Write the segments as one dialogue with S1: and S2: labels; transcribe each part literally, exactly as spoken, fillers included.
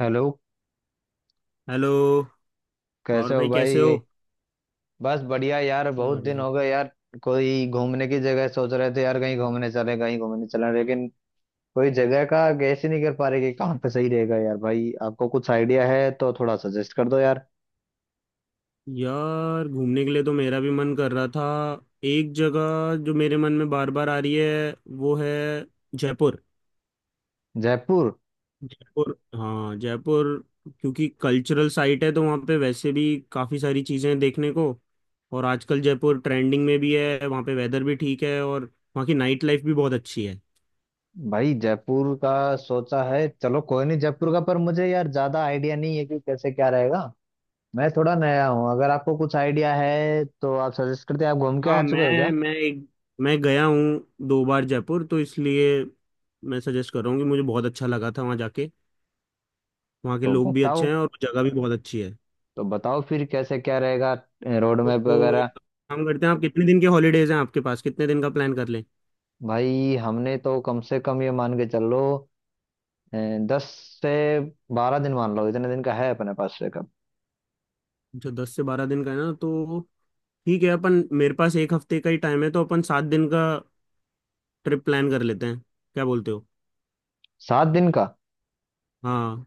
S1: Hello.
S2: Hello. और
S1: कैसे हो
S2: भाई
S1: भाई?
S2: कैसे
S1: ये
S2: हो?
S1: बस बढ़िया यार। बहुत दिन
S2: बढ़िया
S1: हो गए यार। कोई घूमने की जगह सोच रहे थे यार, कहीं घूमने चले, कहीं घूमने चले, लेकिन कोई जगह का गैस ही नहीं कर पा रहे कि कहाँ पे सही रहेगा यार। भाई, आपको कुछ आइडिया है तो थोड़ा सजेस्ट कर दो यार।
S2: यार, घूमने के लिए तो मेरा भी मन कर रहा था। एक जगह जो मेरे मन में बार बार आ रही है, वो है जयपुर।
S1: जयपुर?
S2: जयपुर, हाँ जयपुर। क्योंकि कल्चरल साइट है तो वहाँ पे वैसे भी काफ़ी सारी चीज़ें हैं देखने को। और आजकल जयपुर ट्रेंडिंग में भी है, वहाँ पे वेदर भी ठीक है और वहाँ की नाइट लाइफ भी बहुत अच्छी है।
S1: भाई, जयपुर का सोचा है। चलो कोई नहीं, जयपुर का। पर मुझे यार ज्यादा आइडिया नहीं है कि कैसे क्या रहेगा। मैं थोड़ा नया हूँ। अगर आपको कुछ आइडिया है तो आप सजेस्ट करते हैं। आप घूम के आ
S2: हाँ,
S1: चुके हो
S2: मैं
S1: क्या?
S2: मैं एक मैं गया हूँ दो बार जयपुर, तो इसलिए मैं सजेस्ट कर रहा हूँ कि मुझे बहुत अच्छा लगा था वहाँ जाके। वहाँ के
S1: तो
S2: लोग भी अच्छे
S1: बताओ।
S2: हैं और जगह भी बहुत अच्छी है।
S1: तो बताओ फिर कैसे क्या रहेगा? रोड
S2: तो
S1: मैप
S2: वो एक
S1: वगैरह?
S2: काम करते हैं, आप कितने दिन के हॉलीडेज हैं आपके पास, कितने दिन का प्लान कर लें?
S1: भाई, हमने तो कम से कम ये मान के चल लो अ, दस से बारह दिन मान लो, इतने दिन का है अपने पास ब्रेकअप।
S2: जो दस से बारह दिन का है ना, तो ठीक है अपन, मेरे पास एक हफ्ते का ही टाइम है तो अपन सात दिन का ट्रिप प्लान कर लेते हैं। क्या बोलते हो?
S1: सात दिन का?
S2: हाँ।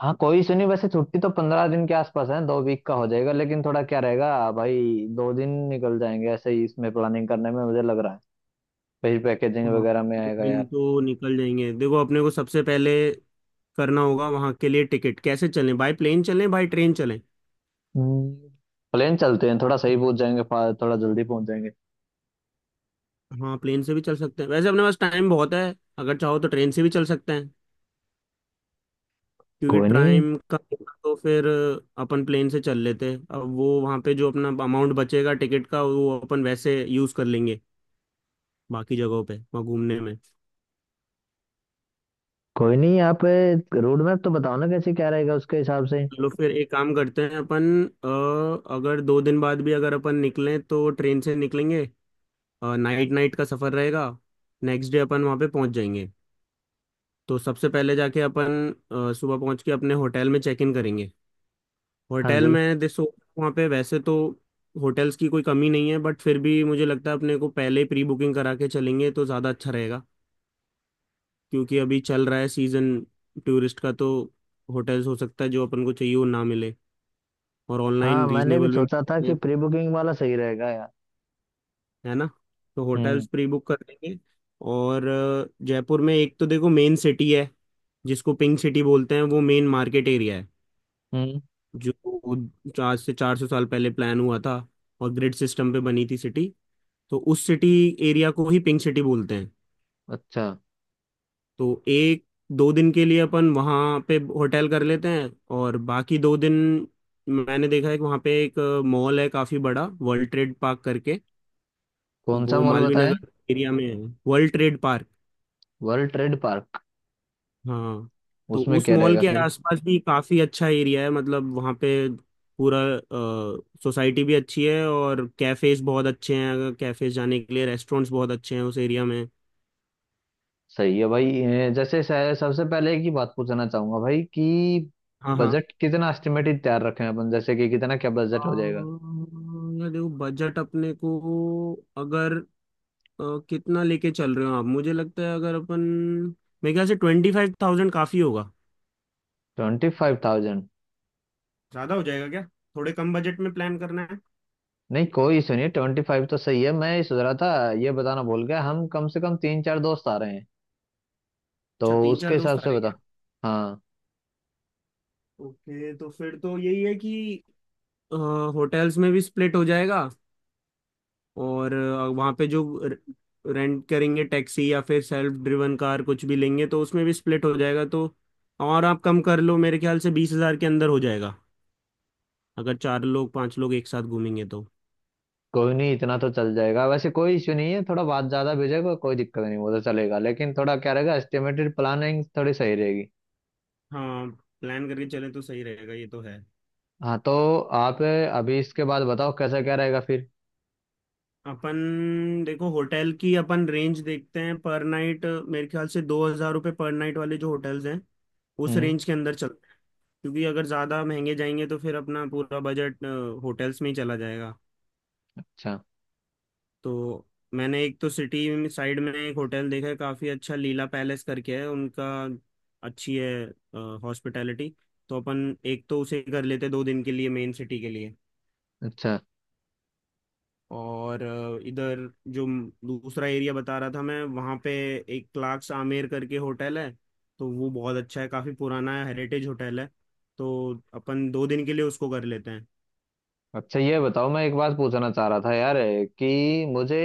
S1: हाँ, कोई इशू नहीं। वैसे छुट्टी तो पंद्रह दिन के आसपास है, दो वीक का हो जाएगा, लेकिन थोड़ा क्या रहेगा भाई, दो दिन निकल जाएंगे ऐसे ही इसमें प्लानिंग करने में, मुझे लग रहा है फिर पैकेजिंग
S2: हाँ,
S1: वगैरह में
S2: दो
S1: आएगा
S2: दिन
S1: यार।
S2: तो निकल जाएंगे। देखो अपने को सबसे पहले करना होगा वहाँ के लिए टिकट, कैसे चलें, बाय प्लेन चलें बाय ट्रेन चलें।
S1: हम्म, प्लेन चलते हैं, थोड़ा सही पहुंच जाएंगे, फा- थोड़ा जल्दी पहुंच जाएंगे।
S2: हाँ, प्लेन से भी चल सकते हैं, वैसे अपने पास टाइम बहुत है। अगर चाहो तो ट्रेन से भी चल सकते हैं, क्योंकि
S1: कोई नहीं
S2: टाइम का होगा तो फिर अपन प्लेन से चल लेते। अब वो वहाँ पे जो अपना अमाउंट बचेगा टिकट का वो अपन वैसे यूज़ कर लेंगे बाकी जगहों पे वहाँ घूमने में।
S1: कोई नहीं आप रोड मैप तो बताओ ना, कैसे क्या रहेगा उसके हिसाब से।
S2: चलो फिर एक काम करते हैं अपन। अ, अगर दो दिन बाद भी अगर अपन निकलें तो ट्रेन से निकलेंगे। नाइट नाइट का सफ़र रहेगा, नेक्स्ट डे अपन वहाँ पे पहुँच जाएंगे। तो सबसे पहले जाके अपन अ, सुबह पहुँच के अपने होटल में चेक इन करेंगे।
S1: हाँ
S2: होटल
S1: जी।
S2: में देखो, वहाँ पे वैसे तो होटल्स की कोई कमी नहीं है, बट फिर भी मुझे लगता है अपने को पहले प्री बुकिंग करा के चलेंगे तो ज़्यादा अच्छा रहेगा। क्योंकि अभी चल रहा है सीज़न टूरिस्ट का, तो होटल्स हो सकता है जो अपन को चाहिए वो ना मिले। और
S1: हाँ,
S2: ऑनलाइन
S1: मैंने भी
S2: रीजनेबल भी मिल
S1: सोचा था
S2: जाते
S1: कि
S2: हैं,
S1: प्री बुकिंग वाला सही रहेगा यार।
S2: है ना? तो
S1: हम्म।
S2: होटल्स प्री बुक कर लेंगे। और अ, जयपुर में एक तो देखो मेन सिटी है, जिसको पिंक सिटी बोलते हैं, वो मेन मार्केट एरिया है
S1: हम्म।
S2: जो आज से चार सौ साल पहले प्लान हुआ था और ग्रिड सिस्टम पे बनी थी सिटी। तो उस सिटी एरिया को ही पिंक सिटी बोलते हैं।
S1: अच्छा,
S2: तो एक दो दिन के लिए अपन वहाँ पे होटल कर लेते हैं, और बाकी दो दिन मैंने देखा है कि वहाँ पे एक मॉल है काफ़ी बड़ा, वर्ल्ड ट्रेड पार्क करके।
S1: कौन सा
S2: वो
S1: मॉल
S2: मालवीय
S1: बताएं?
S2: नगर एरिया में है, world trade park.
S1: World trade park?
S2: हाँ। तो
S1: उसमें
S2: उस
S1: क्या
S2: मॉल
S1: रहेगा
S2: के
S1: फिर?
S2: आसपास भी काफी अच्छा एरिया है, मतलब वहाँ पे पूरा सोसाइटी भी अच्छी है और कैफेज बहुत अच्छे हैं, अगर कैफेज जाने के लिए, रेस्टोरेंट्स बहुत अच्छे हैं उस एरिया में।
S1: सही है भाई। ए, जैसे स- सबसे पहले एक ही बात पूछना चाहूंगा भाई, कि
S2: हाँ हाँ।
S1: बजट कितना एस्टिमेटेड तैयार रखें अपन, जैसे कि कितना क्या
S2: अ,
S1: बजट हो जाएगा?
S2: यार देखो बजट अपने को, अगर अ, कितना लेके चल रहे हो आप, मुझे लगता है अगर अपन, मेरे ख्याल से ट्वेंटी फाइव थाउजेंड काफी होगा।
S1: Twenty five thousand?
S2: ज्यादा हो जाएगा क्या? थोड़े कम बजट में प्लान करना है?
S1: नहीं, कोई इशू नहीं, ट्वेंटी फाइव तो सही है। मैं ये सोच रहा था, ये बताना भूल गया, हम कम से कम तीन चार दोस्त आ रहे हैं, तो
S2: अच्छा, तीन
S1: उसके
S2: चार
S1: हिसाब
S2: दोस्त आ
S1: से
S2: रहे हैं
S1: बता।
S2: क्या?
S1: हाँ।
S2: ओके, तो फिर तो यही है कि होटल्स में भी स्प्लिट हो जाएगा, और अ, वहाँ पे जो रेंट करेंगे टैक्सी या फिर सेल्फ ड्रिवन कार कुछ भी लेंगे तो उसमें भी स्प्लिट हो जाएगा, तो। और आप कम कर लो, मेरे ख्याल से बीस हजार के अंदर हो जाएगा अगर चार लोग पांच लोग एक साथ घूमेंगे तो।
S1: कोई नहीं, इतना तो चल जाएगा, वैसे कोई इश्यू नहीं है। थोड़ा बात ज्यादा भेजेगा कोई दिक्कत नहीं, वो तो चलेगा, लेकिन थोड़ा क्या रहेगा एस्टिमेटेड प्लानिंग थोड़ी सही रहेगी।
S2: हाँ, प्लान करके चले तो सही रहेगा, ये तो है।
S1: हाँ, तो आप अभी इसके बाद बताओ कैसा क्या रहेगा फिर।
S2: अपन देखो होटल की अपन रेंज देखते हैं पर नाइट, मेरे ख्याल से दो हजार रुपये पर नाइट वाले जो होटल्स हैं, उस
S1: हम्म।
S2: रेंज के अंदर चल। क्योंकि अगर ज़्यादा महंगे जाएंगे तो फिर अपना पूरा बजट होटल्स में ही चला जाएगा।
S1: अच्छा।
S2: तो मैंने एक तो सिटी साइड में एक होटल देखा है काफ़ी अच्छा, लीला पैलेस करके है उनका। अच्छी है हॉस्पिटैलिटी। तो अपन एक तो उसे कर लेते हैं दो दिन के लिए मेन सिटी के लिए।
S1: अच्छा।
S2: और अ, इधर जो म- दूसरा एरिया बता रहा था मैं, वहाँ पे एक क्लार्क्स आमेर करके होटल है। तो वो बहुत अच्छा है, काफ़ी पुराना है, हेरिटेज होटल है। तो अपन दो दिन के लिए उसको कर लेते
S1: अच्छा, ये बताओ, मैं एक बात पूछना चाह रहा था यार, कि मुझे,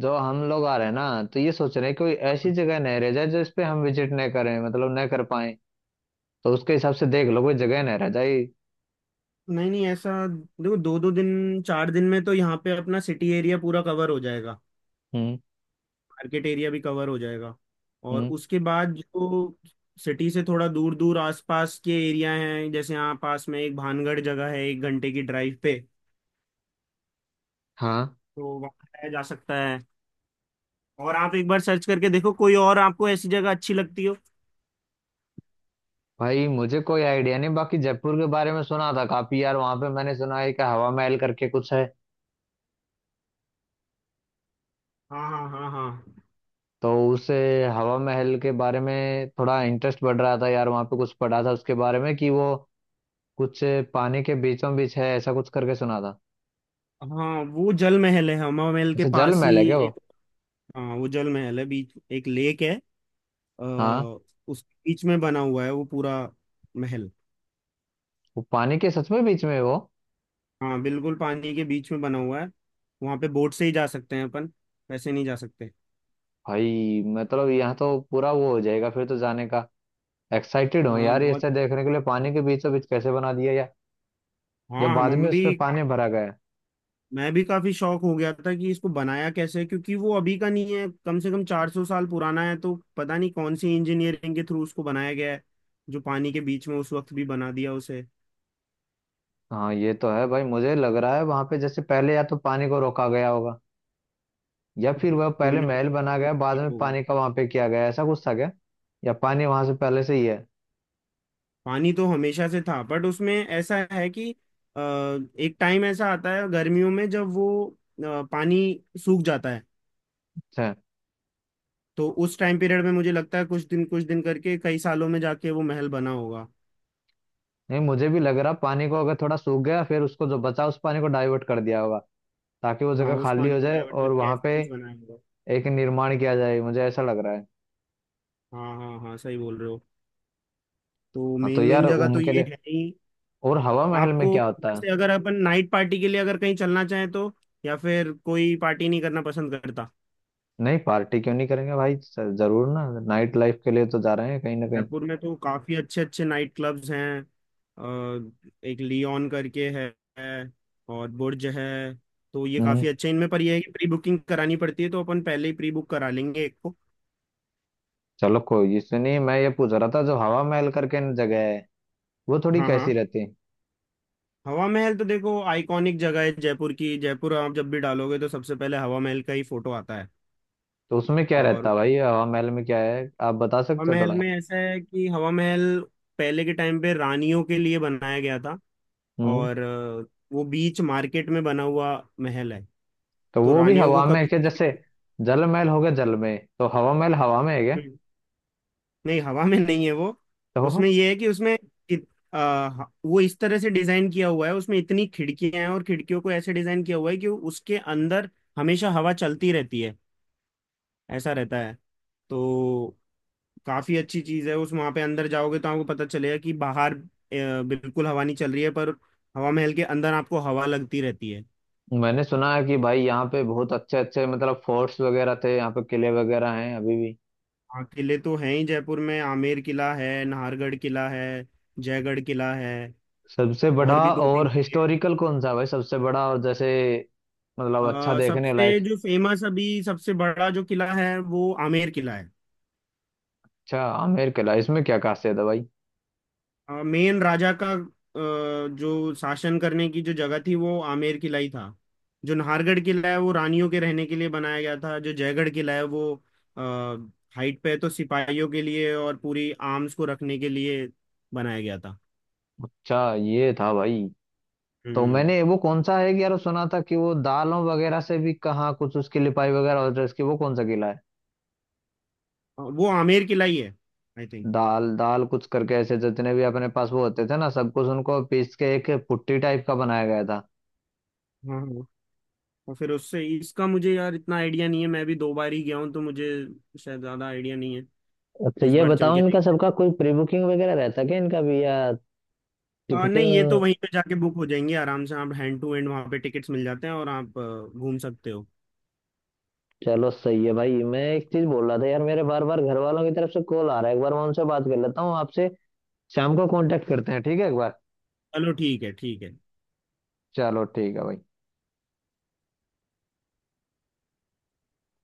S1: जो हम लोग आ रहे हैं ना, तो ये सोच रहे हैं कोई ऐसी
S2: हैं।
S1: जगह नहीं रह जाए जो इस पे हम विजिट नहीं करें, मतलब नहीं कर पाए। तो उसके हिसाब से देख लो, कोई जगह नहीं रह जाए।
S2: नहीं नहीं, ऐसा देखो दो दो दिन, चार दिन में तो यहाँ पे अपना सिटी एरिया पूरा कवर हो जाएगा।
S1: हम्म।
S2: मार्केट एरिया भी कवर हो जाएगा। और
S1: हम्म।
S2: उसके बाद जो सिटी से थोड़ा दूर दूर आसपास के एरिया हैं, जैसे यहाँ पास में एक भानगढ़ जगह है, एक घंटे की ड्राइव पे।
S1: हाँ।
S2: तो वहाँ जाया जा सकता है। और आप एक बार सर्च करके देखो कोई और आपको ऐसी जगह अच्छी लगती हो।
S1: भाई, मुझे कोई आइडिया नहीं, बाकी जयपुर के बारे में सुना था काफी यार। वहां पे मैंने सुना है कि हवा महल करके कुछ है।
S2: हाँ हाँ हाँ।
S1: तो उस अ, हवा महल के बारे में थोड़ा इंटरेस्ट बढ़ रहा था यार। वहां पे कुछ पढ़ा था उसके बारे में कि वो कुछ अ, पानी के बीचों बीच है, ऐसा कुछ करके सुना था।
S2: हाँ हाँ, वो जल महल है, हमा महल के
S1: अच्छा, जल
S2: पास ही।
S1: महल है क्या वो?
S2: एक, हाँ वो जल महल है, बीच एक लेक है। अ,
S1: हाँ।
S2: उस बीच में बना हुआ है वो पूरा महल।
S1: वो पानी के सच में बीच में है वो?
S2: हाँ बिल्कुल पानी के बीच में बना हुआ है। वहाँ पे बोट से ही जा सकते हैं अपन, वैसे नहीं जा सकते।
S1: भाई, मतलब यहाँ तो पूरा वो हो जाएगा फिर तो जाने का। एक्साइटेड हूँ
S2: हाँ
S1: यार ये
S2: बहुत।
S1: ऐसा देखने के लिए, पानी के बीचों बीच कैसे बना दिया, या, या
S2: हाँ, हम
S1: बाद में
S2: हम भी,
S1: उसमें पानी भरा गया?
S2: मैं भी काफी शौक हो गया था कि इसको बनाया कैसे, क्योंकि वो अभी का नहीं है, कम से कम चार सौ साल पुराना है, तो पता नहीं कौन सी इंजीनियरिंग के थ्रू उसको बनाया गया है, जो पानी के बीच में उस वक्त भी बना दिया उसे।
S1: हाँ ये तो है भाई। मुझे लग रहा है वहां पे, जैसे पहले या तो पानी को रोका गया होगा, या फिर वह
S2: कोई
S1: पहले
S2: ना
S1: महल बना गया, बाद
S2: कोई
S1: में
S2: होगा।
S1: पानी का वहां पे किया गया, ऐसा कुछ था क्या? या पानी वहां से पहले से ही है?
S2: पानी तो हमेशा से था, बट उसमें ऐसा है कि अ, एक टाइम ऐसा आता है गर्मियों में जब वो अ, पानी सूख जाता है।
S1: अच्छा।
S2: तो उस टाइम पीरियड में मुझे लगता है कुछ दिन कुछ दिन करके कई सालों में जाके वो महल बना होगा।
S1: नहीं, मुझे भी लग रहा, पानी को अगर थोड़ा सूख गया फिर उसको, जो बचा उस पानी को डाइवर्ट कर दिया होगा, ताकि वो
S2: हाँ,
S1: जगह
S2: उस
S1: खाली
S2: पानी
S1: हो
S2: को
S1: जाए
S2: डाइवर्ट
S1: और
S2: करके
S1: वहां
S2: ऐसे
S1: पे
S2: कुछ बनाया होगा।
S1: एक निर्माण किया जाए, मुझे ऐसा लग रहा है।
S2: हाँ हाँ हाँ, सही बोल रहे हो। तो
S1: हाँ
S2: मेन
S1: तो यार,
S2: मेन जगह तो
S1: उनके
S2: ये
S1: लिए,
S2: है ही।
S1: और हवा महल में
S2: आपको
S1: क्या होता है?
S2: वैसे अगर अपन नाइट पार्टी के लिए अगर कहीं चलना चाहें तो, या फिर कोई पार्टी नहीं करना पसंद करता?
S1: नहीं, पार्टी क्यों नहीं करेंगे भाई, स- जरूर ना। नाइट लाइफ के लिए तो जा रहे हैं कहीं ना कहीं।
S2: जयपुर में तो काफी अच्छे अच्छे नाइट क्लब्स हैं। अ, एक लियोन करके है, है, और बुर्ज है। तो ये
S1: हम्म।
S2: काफी अच्छे हैं। इनमें पर ये है कि प्री बुकिंग करानी पड़ती है, तो अपन पहले ही प्री बुक करा लेंगे एक को।
S1: चलो कोई, ये सुनिए, मैं ये पूछ रहा था, जो हवा महल करके न जगह है वो थोड़ी
S2: हाँ हाँ।
S1: कैसी रहती है?
S2: हवा महल तो देखो आइकॉनिक जगह है जयपुर की, जयपुर आप जब भी डालोगे तो सबसे पहले हवा महल का ही फोटो आता है।
S1: तो उसमें क्या रहता
S2: और
S1: है भाई, हवा महल में क्या है, आप बता
S2: हवा
S1: सकते हो
S2: महल
S1: थोड़ा?
S2: में ऐसा है कि हवा महल पहले के टाइम पे रानियों के लिए बनाया गया था।
S1: हम्म।
S2: और अ, वो बीच मार्केट में बना हुआ महल है।
S1: तो
S2: तो
S1: वो भी
S2: रानियों को
S1: हवा में है
S2: कभी
S1: क्या,
S2: कुछ भी,
S1: जैसे जल महल हो गया जल में, तो हवा महल हवा में है क्या?
S2: हम्म, नहीं, हवा में नहीं है वो। उसमें
S1: तो
S2: ये है कि उसमें इत, आ, वो इस तरह से डिजाइन किया हुआ है, उसमें इतनी खिड़कियां हैं और खिड़कियों को ऐसे डिजाइन किया हुआ है कि उसके अंदर हमेशा हवा चलती रहती है, ऐसा रहता है। तो काफी अच्छी चीज है, उस वहां पे अंदर जाओगे तो आपको पता चलेगा कि बाहर अ, बिल्कुल हवा नहीं चल रही है, पर हवा महल के अंदर आपको हवा लगती रहती है।
S1: मैंने सुना है कि भाई यहाँ पे बहुत अच्छे अच्छे मतलब फोर्ट्स वगैरह थे, यहाँ पे किले वगैरह हैं अभी भी।
S2: हाँ किले तो हैं ही जयपुर में, आमेर किला है, नाहरगढ़ किला है, जयगढ़ किला है,
S1: सबसे बड़ा
S2: और भी दो तीन
S1: और
S2: किले।
S1: हिस्टोरिकल कौन सा है भाई, सबसे बड़ा और जैसे मतलब अच्छा
S2: अ,
S1: देखने
S2: सबसे
S1: लायक?
S2: जो फेमस अभी सबसे बड़ा जो किला है वो आमेर किला है।
S1: अच्छा, आमेर किला। इसमें क्या खासियत है भाई?
S2: मेन राजा का अ, जो शासन करने की जो जगह थी वो आमेर किला ही था। जो नाहरगढ़ किला है वो रानियों के रहने के लिए बनाया गया था, जो जयगढ़ किला है वो हाइट पे है, तो सिपाहियों के लिए और पूरी आर्म्स को रखने के लिए बनाया गया था।
S1: अच्छा, ये था भाई। तो
S2: हम्म।
S1: मैंने, वो कौन सा है कि यार, सुना था कि वो दालों वगैरह से भी कहाँ कुछ उसकी लिपाई वगैरह होती है उसकी, वो कौन सा किला है?
S2: अ, वो आमेर किला ही है, आई थिंक।
S1: दाल दाल कुछ करके ऐसे, जितने भी अपने पास वो होते थे ना, सब कुछ उनको पीस के एक पुट्टी टाइप का बनाया गया था।
S2: हाँ हाँ। और फिर उससे इसका मुझे यार इतना आइडिया नहीं है, मैं भी दो बार ही गया हूँ तो मुझे शायद ज्यादा आइडिया नहीं है।
S1: अच्छा,
S2: इस
S1: ये
S2: बार चल
S1: बताओ,
S2: के
S1: इनका
S2: देखते
S1: सबका कोई प्री बुकिंग वगैरह रहता है क्या, इनका भी, या
S2: हैं। आ, नहीं, ये तो
S1: टिकटिंग?
S2: वहीं पे जाके बुक हो जाएंगे आराम से, आप हैंड टू हैंड वहां पे टिकट्स मिल जाते हैं और आप अ, घूम सकते हो।
S1: चलो, सही है भाई। मैं एक चीज बोल रहा था यार, मेरे बार बार घर वालों की तरफ से कॉल आ रहा है, एक बार मैं उनसे बात कर लेता हूँ। आपसे शाम को कांटेक्ट करते हैं, ठीक है एक बार?
S2: चलो ठीक है ठीक है।
S1: चलो ठीक है भाई।